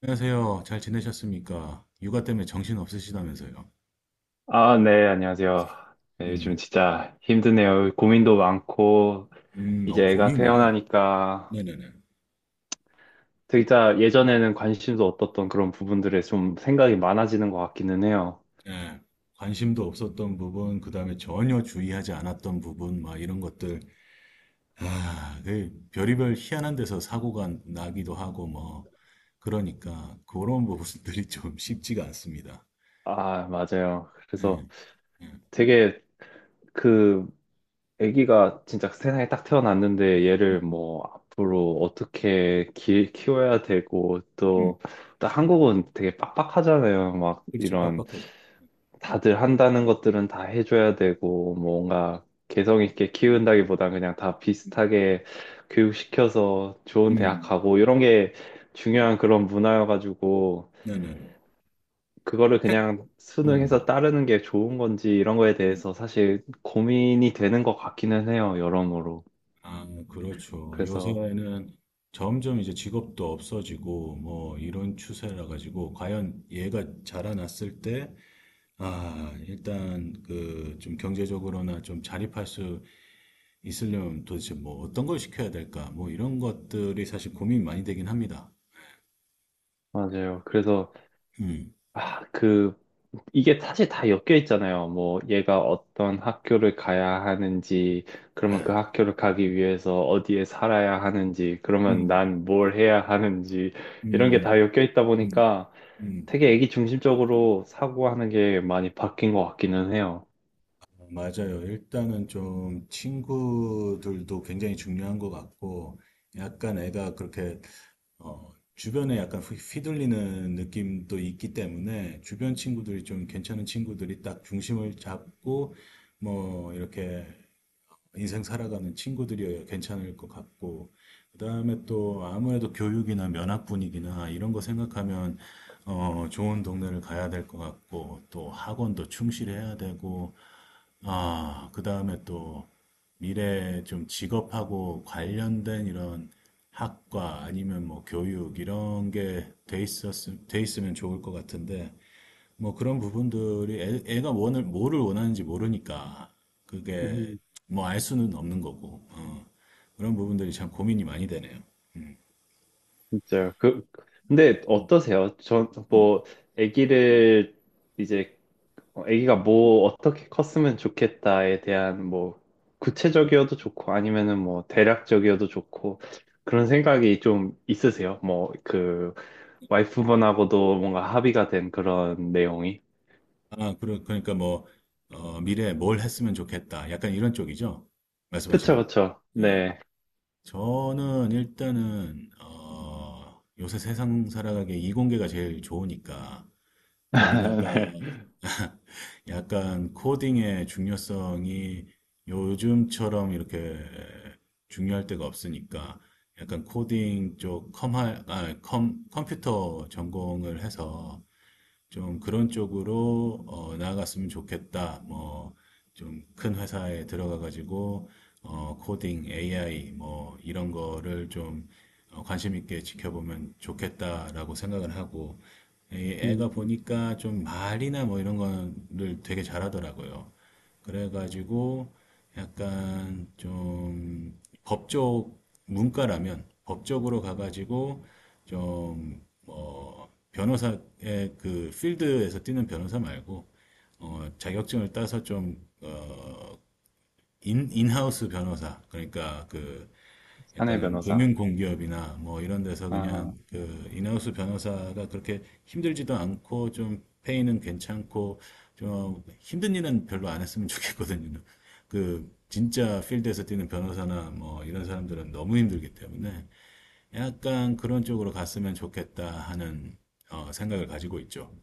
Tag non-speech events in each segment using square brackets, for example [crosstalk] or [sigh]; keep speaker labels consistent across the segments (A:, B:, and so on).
A: 안녕하세요. 잘 지내셨습니까? 육아 때문에 정신 없으시다면서요.
B: 아, 네, 안녕하세요. 네,
A: 음,
B: 요즘 진짜 힘드네요. 고민도 많고, 이제 애가
A: 고민이요.
B: 태어나니까,
A: 네네네.
B: 진짜 예전에는 관심도 없었던 그런 부분들에 좀 생각이 많아지는 것 같기는 해요.
A: 예, 관심도 없었던 부분, 그다음에 전혀 주의하지 않았던 부분, 막 이런 것들. 아, 그 별의별 희한한 데서 사고가 나기도 하고, 뭐. 그러니까, 그런 부분들이 [laughs] 좀 쉽지가 않습니다.
B: 아, 맞아요.
A: 예,
B: 그래서
A: 예.
B: 되게 그 애기가 진짜 세상에 딱 태어났는데 얘를 뭐 앞으로 어떻게 키워야 되고,
A: 음,
B: 또, 또 한국은 되게 빡빡하잖아요. 막
A: 그렇죠.
B: 이런.
A: 빡빡하죠.
B: 다들 한다는 것들은 다 해줘야 되고, 뭐 뭔가 개성 있게 키운다기보단 그냥 다 비슷하게 교육시켜서 좋은 대학
A: 음,
B: 가고, 이런 게 중요한 그런 문화여가지고,
A: 네네네.
B: 그거를
A: 책?
B: 그냥 수능해서
A: 음.
B: 따르는 게 좋은 건지 이런 거에
A: 음.
B: 대해서 사실 고민이 되는 것 같기는 해요, 여러모로.
A: 아, 뭐 그렇죠.
B: 그래서,
A: 요새는 점점 이제 직업도 없어지고 뭐 이런 추세라 가지고 과연 얘가 자라났을 때 일단 그 좀 경제적으로나 좀 자립할 수 있으려면 도대체 뭐 어떤 걸 시켜야 될까? 뭐 이런 것들이 사실 고민이 많이 되긴 합니다.
B: 맞아요. 그래서
A: 음.
B: 아, 그, 이게 사실 다 엮여 있잖아요. 뭐, 얘가 어떤 학교를 가야 하는지, 그러면 그
A: 네.
B: 학교를 가기 위해서 어디에 살아야 하는지, 그러면
A: 음.
B: 난 뭘 해야 하는지, 이런 게
A: 음.
B: 다 엮여 있다
A: 음.
B: 보니까
A: 음.
B: 되게 애기 중심적으로 사고하는 게 많이 바뀐 것 같기는 해요.
A: 맞아요. 일단은 좀 친구들도 굉장히 중요한 것 같고 약간 애가 그렇게 주변에 약간 휘둘리는 느낌도 있기 때문에 주변 친구들이 좀 괜찮은 친구들이 딱 중심을 잡고 뭐 이렇게 인생 살아가는 친구들이어야 괜찮을 것 같고, 그다음에 또 아무래도 교육이나 면학 분위기나 이런 거 생각하면 좋은 동네를 가야 될 것 같고, 또 학원도 충실해야 되고, 그 다음에 또 미래 좀 직업하고 관련된 이런 학과 아니면 뭐 교육 이런 게 돼 있으면 좋을 것 같은데, 뭐 그런 부분들이 애가 뭐를 원하는지 모르니까 그게
B: 음.
A: 뭐 알 수는 없는 거고, 그런 부분들이 참 고민이 많이 되네요. 음.
B: 진짜요. 그, 근데 어떠세요? 전,
A: 음.
B: 뭐, 애기를 이제 어, 아기가 뭐 어떻게 컸으면 좋겠다에 대한 뭐 구체적이어도 좋고 아니면은 뭐 대략적이어도 좋고 그런 생각이 좀 있으세요? 뭐 그 와이프분하고도 뭔가 합의가 된 그런 내용이?
A: 그러니까 뭐, 미래에 뭘 했으면 좋겠다. 약간 이런 쪽이죠?
B: 그쵸,
A: 말씀하시는 게.
B: 그쵸.
A: 아.
B: 네.
A: 저는 일단은 요새 세상 살아가기에 이공계가 제일 좋으니까
B: [laughs]
A: 거기다가
B: 네.
A: [laughs] 약간 코딩의 중요성이 요즘처럼 이렇게 중요할 때가 없으니까 약간 코딩 쪽 컴할 아, 컴 컴퓨터 전공을 해서 좀 그런 쪽으로 나아갔으면 좋겠다. 뭐 좀 큰 회사에 들어가 가지고 어, 코딩, AI 뭐 이런 거를 좀 관심 있게 지켜보면 좋겠다라고 생각을 하고, 이
B: 음,
A: 애가 보니까 좀 말이나 뭐 이런 거를 되게 잘하더라고요. 그래가지고 약간 좀 법적 문과라면 법적으로 가가지고 좀, 뭐 변호사의 그 필드에서 뛰는 변호사 말고, 자격증을 따서 좀, 인하우스 변호사. 그러니까 그,
B: 사내
A: 약간
B: 변호사.
A: 금융공기업이나 뭐 이런 데서 그냥
B: 아,
A: 그 인하우스 변호사가 그렇게 힘들지도 않고 좀 페이는 괜찮고, 좀 힘든 일은 별로 안 했으면 좋겠거든요. 그 진짜 필드에서 뛰는 변호사나 뭐 이런 사람들은 너무 힘들기 때문에 약간 그런 쪽으로 갔으면 좋겠다 하는 생각을 가지고 있죠.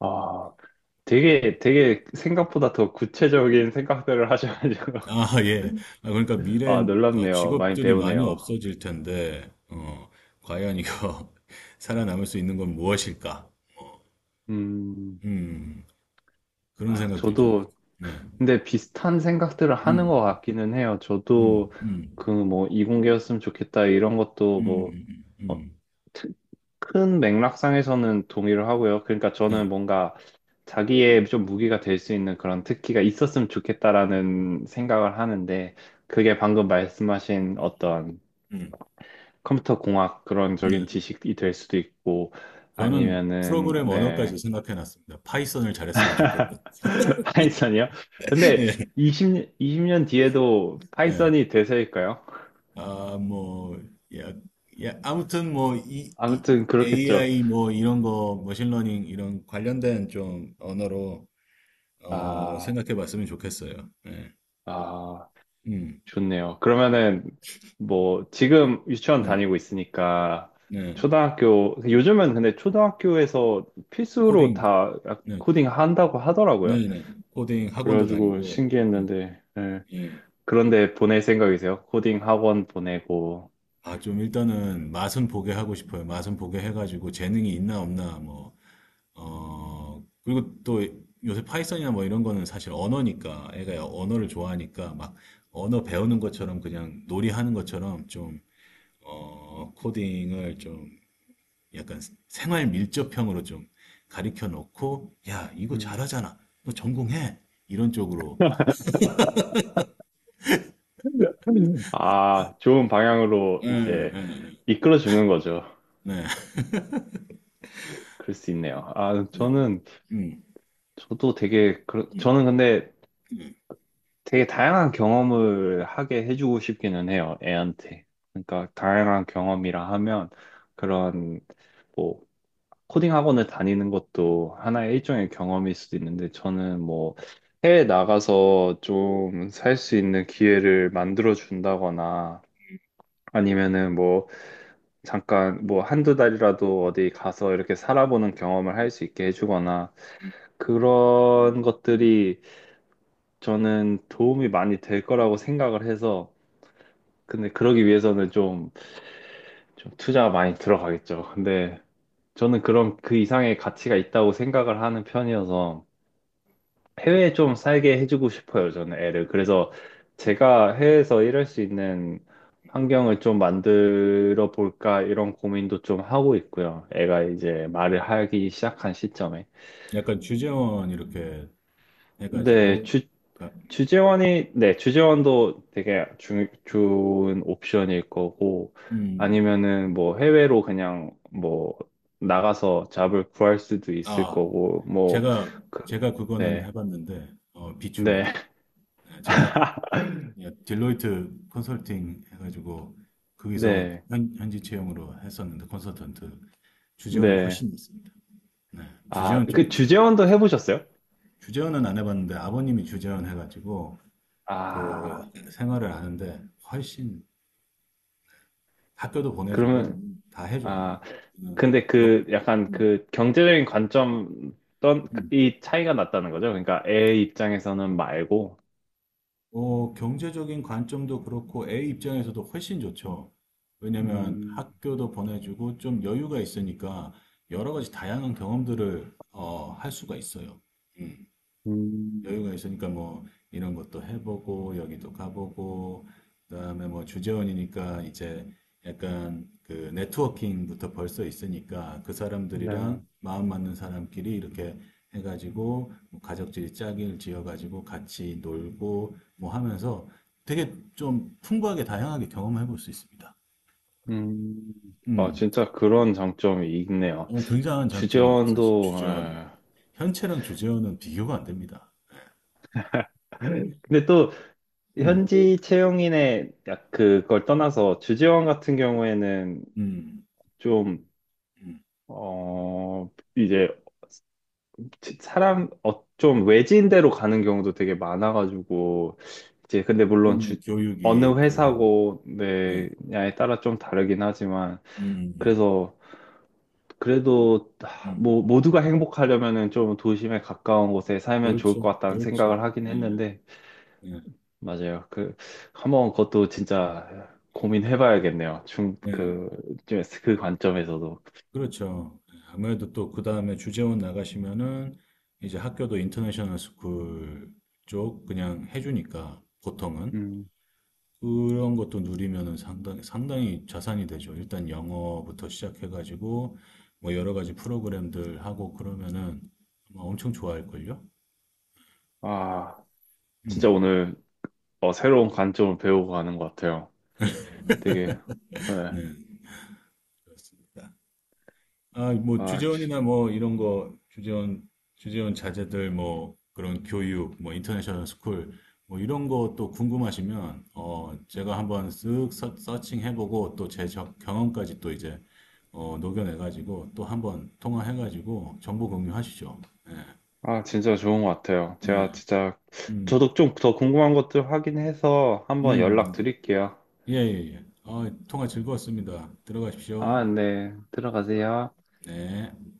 B: 아, 되게, 되게 생각보다 더 구체적인 생각들을 하셔가지고,
A: 아, 예. 아, 그러니까
B: [laughs] 아,
A: 미래엔
B: 놀랍네요. 많이
A: 직업들이 많이
B: 배우네요.
A: 없어질 텐데, 과연 이거 [laughs] 살아남을 수 있는 건 무엇일까?
B: 음,
A: 음, 그런
B: 아,
A: 생각들이 좀.
B: 저도
A: 네.
B: 근데 비슷한 생각들을 하는
A: 음,
B: 것 같기는 해요. 저도
A: 음, 음,
B: 그 뭐 이공계였으면 좋겠다 이런 것도
A: 음,
B: 뭐
A: 음, 음. 음,
B: 어,
A: 음.
B: 트- 큰 맥락상에서는 동의를 하고요. 그러니까
A: 네,
B: 저는 뭔가 자기의 좀 무기가 될 수 있는 그런 특기가 있었으면 좋겠다라는 생각을 하는데 그게 방금 말씀하신 어떤
A: 음,
B: 컴퓨터 공학 그런
A: 네.
B: 적인 지식이 될 수도 있고
A: 저는
B: 아니면은
A: 프로그램 언어까지
B: 네.
A: 생각해 놨습니다. 파이썬을 잘했으면 좋겠다.
B: [laughs] 파이썬이요?
A: [laughs]
B: 근데
A: 예,
B: 20년 뒤에도
A: 예.
B: 파이썬이 대세일까요?
A: 아, 뭐, 야, 아무튼 뭐, 이
B: 아무튼 그렇겠죠.
A: AI 뭐 이런 거, 머신러닝 이런 관련된 좀 언어로
B: 아,
A: 생각해 봤으면 좋겠어요. 네.
B: 아,
A: 음,
B: 좋네요. 그러면은 뭐 지금 유치원
A: 네,
B: 다니고 있으니까
A: 네.
B: 초등학교, 요즘은 근데 초등학교에서 필수로
A: 코딩,
B: 다
A: 네,
B: 코딩 한다고 하더라고요.
A: 네, 네. 코딩 학원도
B: 그래가지고
A: 다니고, 네,
B: 신기했는데, 예.
A: 예.
B: 그런데 보낼 생각이세요? 코딩 학원 보내고.
A: 아, 좀 일단은 맛은 보게 하고 싶어요. 맛은 보게 해가지고 재능이 있나 없나 뭐 그리고 또 요새 파이썬이나 뭐 이런 거는 사실 언어니까, 애가 언어를 좋아하니까 막 언어 배우는 것처럼 그냥 놀이하는 것처럼 좀, 코딩을 좀 약간 생활 밀접형으로 좀 가르쳐 놓고, 야, 이거
B: 음.
A: 잘하잖아. 너 전공해. 이런 쪽으로.
B: 아, 좋은 방향으로
A: 예, 예,
B: 이제
A: 예.
B: 이끌어 주는 거죠.
A: 네.
B: 그럴 수 있네요. 아,
A: 네.
B: 저는,
A: 음,
B: 저도 되게, 저는 근데 되게 다양한 경험을 하게 해주고 싶기는 해요, 애한테. 그러니까 다양한 경험이라 하면 그런, 뭐, 코딩 학원을 다니는 것도 하나의 일종의 경험일 수도 있는데, 저는 뭐, 해외 나가서 좀 살 수 있는 기회를 만들어 준다거나, 아니면은 뭐, 잠깐 뭐 한두 달이라도 어디 가서 이렇게 살아보는 경험을 할 수 있게 해주거나 그런 것들이 저는 도움이 많이 될 거라고 생각을 해서 근데 그러기 위해서는 좀, 좀 투자가 많이 들어가겠죠. 근데 저는 그런 그 이상의 가치가 있다고 생각을 하는 편이어서 해외에 좀 살게 해주고 싶어요, 저는 애를. 그래서 제가 해외에서 일할 수 있는 환경을 좀 만들어 볼까 이런 고민도 좀 하고 있고요. 애가 이제 말을 하기 시작한 시점에.
A: 약간 주재원 이렇게
B: 네,
A: 해가지고, 가-
B: 주재원이, 네, 주재원도 되게 주, 좋은 옵션일 거고,
A: 음,
B: 아니면은 뭐 해외로 그냥 뭐 나가서 잡을 구할 수도 있을
A: 아,
B: 거고, 뭐,
A: 제가,
B: 그,
A: 제가 그거는
B: 네,
A: 해봤는데, 어,
B: 네,
A: 비춥니다. 제가
B: [laughs]
A: 딜로이트 컨설팅 해가지고 거기서
B: 네,
A: 현지 채용으로 했었는데 컨설턴트 주재원이
B: 네.
A: 훨씬 있습니다. 네,
B: 아,
A: 주재원 쪽
B: 그
A: 에서
B: 주재원도 해보셨어요?
A: 주재원은 안 해봤는데 아버님이 주재원 해가지고
B: 아,
A: 그 생활을 하는데 훨씬 학교도 보내주고
B: 그러면,
A: 다 해줘요.
B: 아,
A: 어,
B: 근데
A: 더-
B: 그 약간
A: 음,
B: 그 경제적인 관점,
A: 음,
B: 떤이 차이가 났다는 거죠? 그러니까 애 입장에서는 말고.
A: 경제적인 관점도 그렇고 애 입장에서도 훨씬 좋죠. 왜냐면
B: 음,
A: 학교도 보내주고 좀 여유가 있으니까 여러 가지 다양한 경험들을 할 수가 있어요. 음.
B: 음,
A: 여유가 있으니까 뭐 이런 것도 해보고 여기도 가보고 그다음에 뭐 주재원이니까 이제 약간 그 네트워킹부터 벌써 있으니까 그 사람들이랑
B: 네.
A: 마음 맞는 사람끼리 이렇게 해가지고 뭐 가족들이 짝을 지어가지고 같이 놀고 뭐 하면서 되게 좀 풍부하게 다양하게 경험해 볼 수 있습니다.
B: 음, 아,
A: 음,
B: 진짜 그런 장점이 있네요.
A: 어, 굉장한 장점이죠. 사실
B: 주재원도,
A: 주재원은
B: 아.
A: 현채랑 주재원은 비교가 안 됩니다.
B: 근데 또
A: 음,
B: 현지 채용인의 약 그걸 떠나서 주재원 같은 경우에는
A: 음,
B: 좀,
A: 음.
B: 어, 이제 사람 어, 좀 외진 데로 가는 경우도 되게 많아가지고 이제 근데 물론
A: 그러면
B: 주, 어느
A: 교육이 또,
B: 회사고
A: 네.
B: 냐에 따라 좀 다르긴 하지만
A: 음, 음,
B: 그래서
A: 음,
B: 그래도 하,
A: 음.
B: 뭐 모두가 행복하려면은 좀 도심에 가까운 곳에 살면 좋을
A: 그렇죠,
B: 것 같다는
A: 그렇죠.
B: 생각을 하긴
A: 네,
B: 했는데
A: 네,
B: 맞아요. 그 한번 그것도 진짜 고민해봐야겠네요
A: 네.
B: 중그그 관점에서도.
A: 그렇죠. 네, 아무래도 또 그 다음에 주재원 나가시면은 이제 학교도 인터내셔널 스쿨 쪽 그냥 해주니까 보통은
B: 음.
A: 그런 것도 누리면은 상당히 상당히 자산이 되죠. 일단 영어부터 시작해가지고 뭐 여러 가지 프로그램들 하고 그러면은 아마 엄청 좋아할걸요.
B: 아, 진짜
A: 음,
B: 오늘 어, 새로운 관점을 배우고 가는 것 같아요. 되게 네.
A: 네. 아, 뭐
B: 아, 지-
A: 주재원이나 뭐 이런 거 주재원 주재원 자제들 뭐 그런 교육 뭐 인터내셔널 스쿨 뭐 이런 거 또 궁금하시면 어 제가 한번 쓱 서칭해보고 또 제 경험까지 또 이제 어 녹여내가지고 또 한번 통화해가지고 정보 공유하시죠. 예.
B: 아, 진짜 좋은 것 같아요. 제가
A: 네.
B: 진짜
A: 음.
B: 저도 좀 더 궁금한 것들 확인해서 한번 연락
A: 음.
B: 드릴게요.
A: 예, 예, 예. 아 통화 즐거웠습니다.
B: 아,
A: 들어가십시오.
B: 네. 들어가세요.
A: 네.